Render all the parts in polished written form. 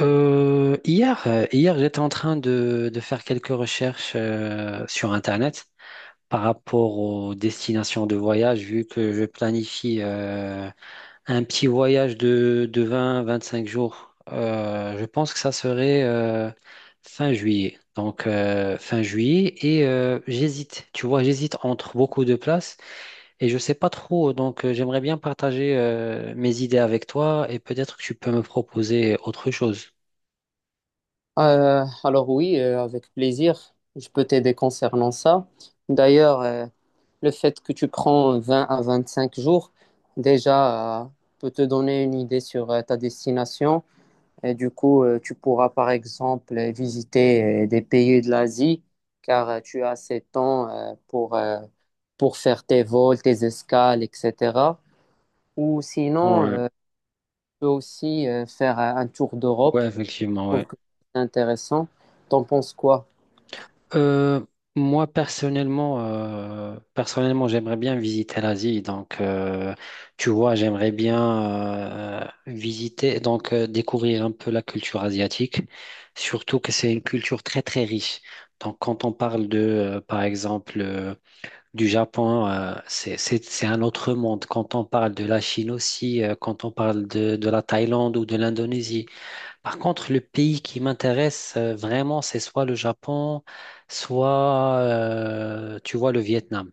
Hier, j'étais en train de faire quelques recherches sur Internet par rapport aux destinations de voyage, vu que je planifie un petit voyage de 20-25 jours. Je pense que ça serait fin juillet. Donc fin juillet et j'hésite. Tu vois, j'hésite entre beaucoup de places et je sais pas trop. Donc j'aimerais bien partager mes idées avec toi et peut-être que tu peux me proposer autre chose. Alors oui, avec plaisir, je peux t'aider concernant ça. D'ailleurs, le fait que tu prends 20 à 25 jours, déjà, peut te donner une idée sur ta destination. Et du coup, tu pourras par exemple visiter des pays de l'Asie, car tu as assez de temps pour faire tes vols, tes escales, etc. Ou sinon, Ouais, tu peux aussi faire un tour d'Europe. ouais, Je effectivement, trouve ouais. que c'est intéressant. T'en penses quoi? Euh, Moi, personnellement, j'aimerais bien visiter l'Asie. Donc, tu vois, j'aimerais bien visiter, donc découvrir un peu la culture asiatique, surtout que c'est une culture très, très riche. Donc, quand on parle de, par exemple, du Japon, c'est un autre monde. Quand on parle de la Chine aussi, quand on parle de la Thaïlande ou de l'Indonésie. Par contre, le pays qui m'intéresse vraiment, c'est soit le Japon, soit, tu vois, le Vietnam.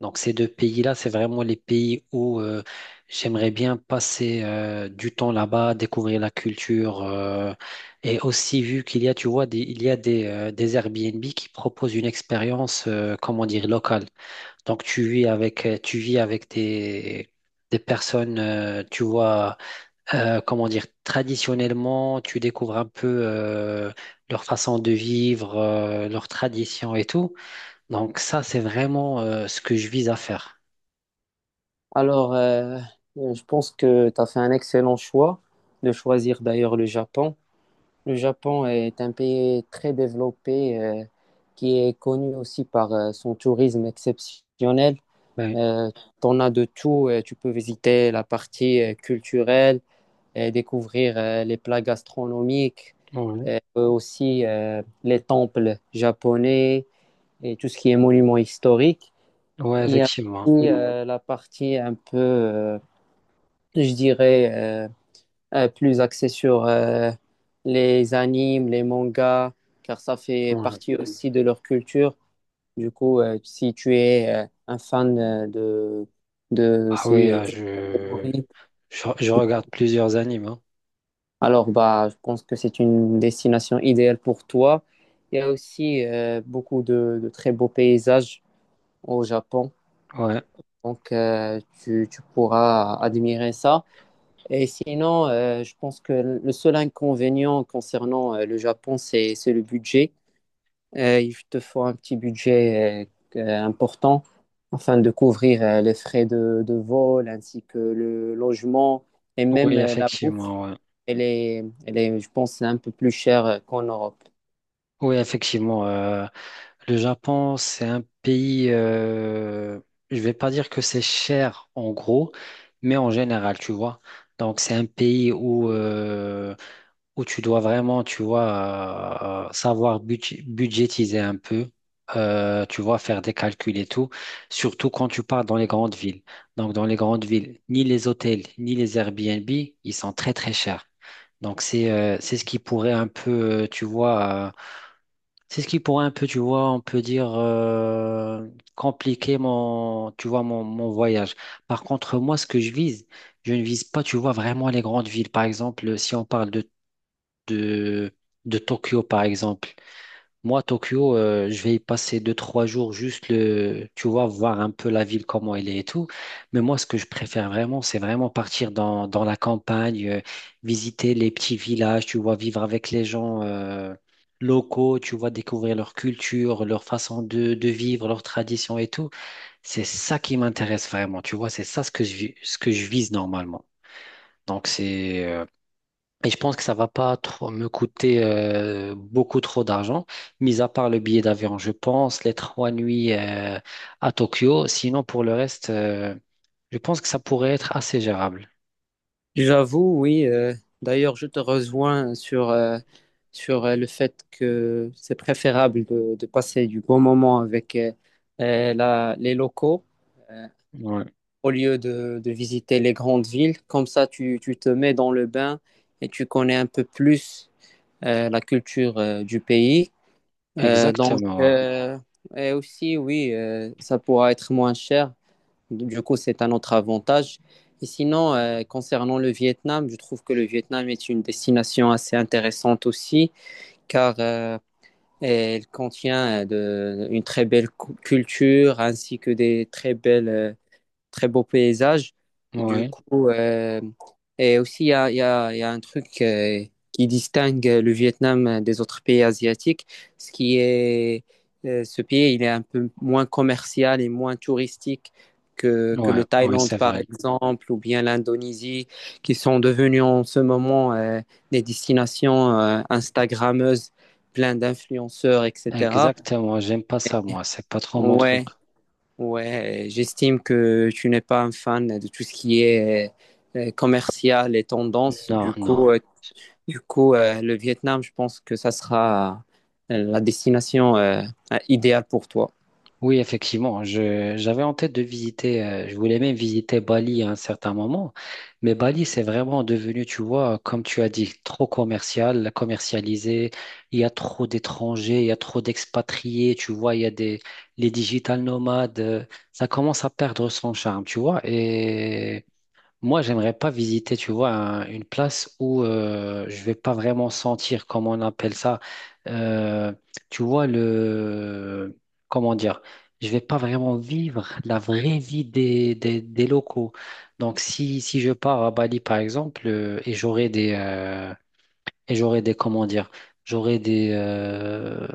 Donc, ces deux pays-là, c'est vraiment les pays où j'aimerais bien passer du temps là-bas, découvrir la culture. Et aussi, vu qu'il y a, tu vois, des, il y a des Airbnb qui proposent une expérience, comment dire, locale. Donc, tu vis avec des personnes, tu vois comment dire, traditionnellement, tu découvres un peu leur façon de vivre, leurs traditions et tout. Donc ça, c'est vraiment ce que je vise à faire. Alors, je pense que tu as fait un excellent choix de choisir d'ailleurs le Japon. Le Japon est un pays très développé, qui est connu aussi par son tourisme exceptionnel. Ouais, Euh, T'en as de tout. Tu peux visiter la partie culturelle et découvrir les plats gastronomiques, ouais, aussi les temples japonais et tout ce qui est monument historique. ouais, Il y a effectivement. aussi la partie un peu, je dirais, plus axé sur les animes, les mangas, car ça fait Ouais. partie aussi de leur culture. Du coup, si tu es un fan de Ah oui, ces je, catégories, je, je regarde plusieurs animes, hein. alors bah, je pense que c'est une destination idéale pour toi. Il y a aussi beaucoup de très beaux paysages au Japon, Ouais. donc tu pourras admirer ça. Et sinon, je pense que le seul inconvénient concernant le Japon, c'est le budget. Il te faut un petit budget important afin de couvrir les frais de vol ainsi que le logement et même Oui, la effectivement. bouffe. Ouais. Elle est, je pense, un peu plus chère qu'en Europe. Oui, effectivement. Le Japon, c'est un pays, je vais pas dire que c'est cher en gros, mais en général, tu vois. Donc c'est un pays où tu dois vraiment, tu vois, savoir budgétiser un peu, tu vois, faire des calculs et tout, surtout quand tu pars dans les grandes villes. Donc dans les grandes villes, ni les hôtels, ni les Airbnb, ils sont très très chers. Donc c'est ce qui pourrait un peu, tu vois. C'est ce qui pourrait un peu, tu vois, on peut dire, compliquer mon, tu vois, mon voyage. Par contre, moi, ce que je vise, je ne vise pas, tu vois, vraiment les grandes villes. Par exemple, si on parle de, de Tokyo, par exemple. Moi, Tokyo, je vais y passer 2, 3 jours juste le, tu vois, voir un peu la ville, comment elle est et tout. Mais moi, ce que je préfère vraiment, c'est vraiment partir dans la campagne, visiter les petits villages, tu vois, vivre avec les gens, locaux, tu vois, découvrir leur culture, leur façon de vivre, leurs traditions et tout. C'est ça qui m'intéresse vraiment, tu vois, c'est ça ce que ce que je vise normalement. Donc, c'est, euh, et je pense que ça va pas trop me coûter beaucoup trop d'argent, mis à part le billet d'avion, je pense, les 3 nuits à Tokyo. Sinon, pour le reste, je pense que ça pourrait être assez gérable. J'avoue, oui. D'ailleurs, je te rejoins sur le fait que c'est préférable de passer du bon moment avec les locaux euh, Ouais, au lieu de visiter les grandes villes. Comme ça, tu te mets dans le bain et tu connais un peu plus la culture du pays. Donc, exactement. Et aussi, oui, ça pourra être moins cher. Du coup, c'est un autre avantage. Et sinon, concernant le Vietnam, je trouve que le Vietnam est une destination assez intéressante aussi, car elle contient une très belle culture ainsi que des très belles, très beau paysage. Ouais, Du ouais, coup, et aussi, il y a, il y a, il y a un truc qui distingue le Vietnam des autres pays asiatiques, ce qui est, Ce pays, il est un peu moins commercial et moins touristique que ouais, le ouais, Thaïlande, c'est par vrai. exemple, ou bien l'Indonésie, qui sont devenus en ce moment des destinations Instagrammeuses, plein d'influenceurs, etc. Exactement. J'aime pas ça, moi. C'est pas trop mon truc. Ouais, Ouais, J'estime que tu n'es pas un fan de tout ce qui est commercial et tendance. Non, non. Du coup, le Vietnam, je pense que ça sera la destination idéale pour toi. Oui, effectivement, j'avais en tête de visiter, je voulais même visiter Bali à un certain moment, mais Bali, c'est vraiment devenu, tu vois, comme tu as dit, trop commercial, commercialisé, il y a trop d'étrangers, il y a trop d'expatriés, tu vois, il y a des, les digital nomades, ça commence à perdre son charme, tu vois, et moi, j'aimerais pas visiter, tu vois, une place où je vais pas vraiment sentir, comment on appelle ça, euh, tu vois, le, comment dire, je vais pas vraiment vivre la vraie vie des locaux. Donc, si je pars à Bali, par exemple, et j'aurai des, comment dire, j'aurai des,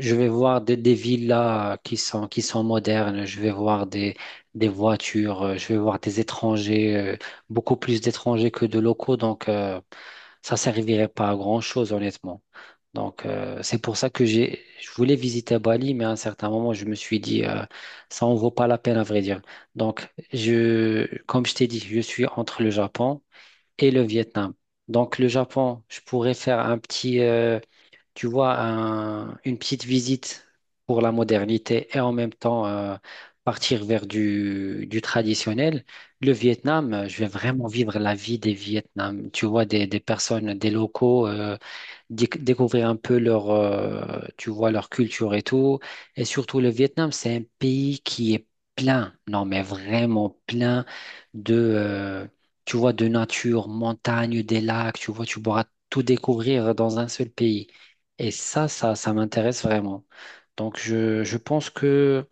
je vais voir des villas qui sont modernes, je vais voir des voitures, je vais voir des étrangers, beaucoup plus d'étrangers que de locaux, donc ça servirait pas à grand-chose, honnêtement. Donc c'est pour ça que je voulais visiter Bali, mais à un certain moment, je me suis dit, ça en vaut pas la peine, à vrai dire. Donc, comme je t'ai dit, je suis entre le Japon et le Vietnam. Donc le Japon, je pourrais faire un petit, tu vois, une petite visite pour la modernité et en même temps partir vers du traditionnel. Le Vietnam, je vais vraiment vivre la vie des Vietnam, tu vois, des personnes, des locaux. Découvrir un peu leur, tu vois, leur culture et tout. Et surtout, le Vietnam, c'est un pays qui est plein, non, mais vraiment plein de, tu vois, de nature, montagne, des lacs, tu vois, tu pourras tout découvrir dans un seul pays. Et ça m'intéresse vraiment. Donc, je pense que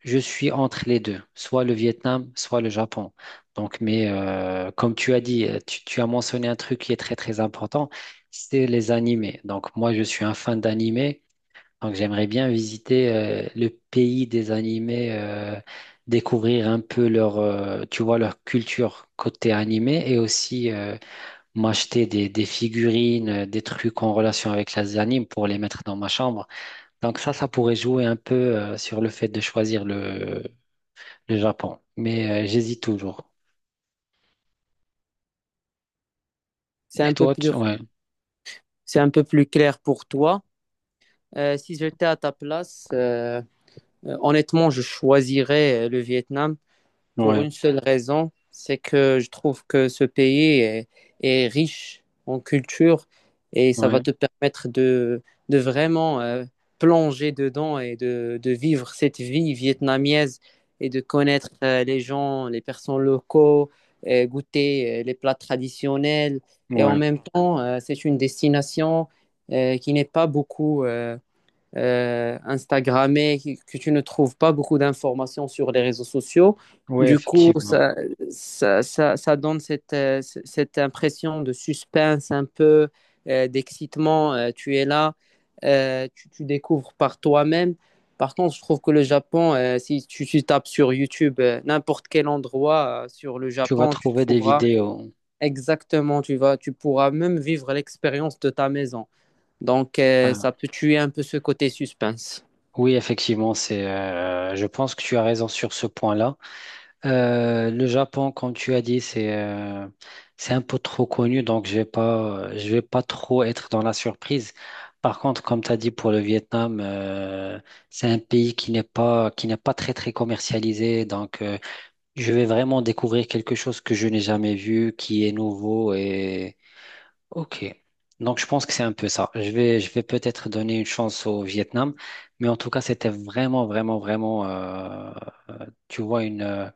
je suis entre les deux, soit le Vietnam, soit le Japon. Donc, mais comme tu as dit, tu as mentionné un truc qui est très très important, c'est les animés. Donc moi, je suis un fan d'animés, donc j'aimerais bien visiter le pays des animés, découvrir un peu leur, tu vois, leur culture côté animé et aussi m'acheter des figurines, des trucs en relation avec les animes pour les mettre dans ma chambre. Donc ça pourrait jouer un peu sur le fait de choisir le Japon. Mais j'hésite toujours. C'est Et un peu toi, plus, tu... Ouais, c'est un peu plus clair pour toi. Si j'étais à ta place, honnêtement, je choisirais le Vietnam. Pour ouais, une seule raison, c'est que je trouve que ce pays est riche en culture et ça va ouais, te permettre de vraiment plonger dedans et de vivre cette vie vietnamienne et de connaître les gens, les personnes locaux, et goûter les plats traditionnels. Et en ouais, même temps, c'est une destination qui n'est pas beaucoup Instagrammé, que tu ne trouves pas beaucoup d'informations sur les réseaux sociaux. ouais, Du coup, effectivement. ça donne cette impression de suspense, un peu d'excitement. Tu es là, tu découvres par toi-même. Par contre, je trouve que le Japon, si tu tapes sur YouTube, n'importe quel endroit sur le Tu vas Japon, tu trouver des trouveras vidéos. exactement, tu pourras même vivre l'expérience de ta maison. Donc, Ouais. ça peut tuer un peu ce côté suspense. Oui, effectivement, c'est. Je pense que tu as raison sur ce point-là. Le Japon, comme tu as dit, c'est un peu trop connu, donc je vais pas trop être dans la surprise. Par contre, comme tu as dit pour le Vietnam, c'est un pays qui n'est pas très très commercialisé, donc. Je vais vraiment découvrir quelque chose que je n'ai jamais vu, qui est nouveau et ok. Donc je pense que c'est un peu ça. Je vais peut-être donner une chance au Vietnam, mais en tout cas c'était vraiment, vraiment, vraiment, tu vois une, euh,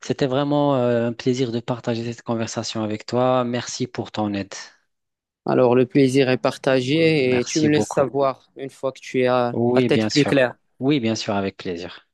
c'était vraiment un plaisir de partager cette conversation avec toi. Merci pour ton aide. Alors, le plaisir est partagé et tu Merci me laisses beaucoup. savoir une fois que tu as la Oui, tête bien plus sûr. claire. Oui, bien sûr, avec plaisir.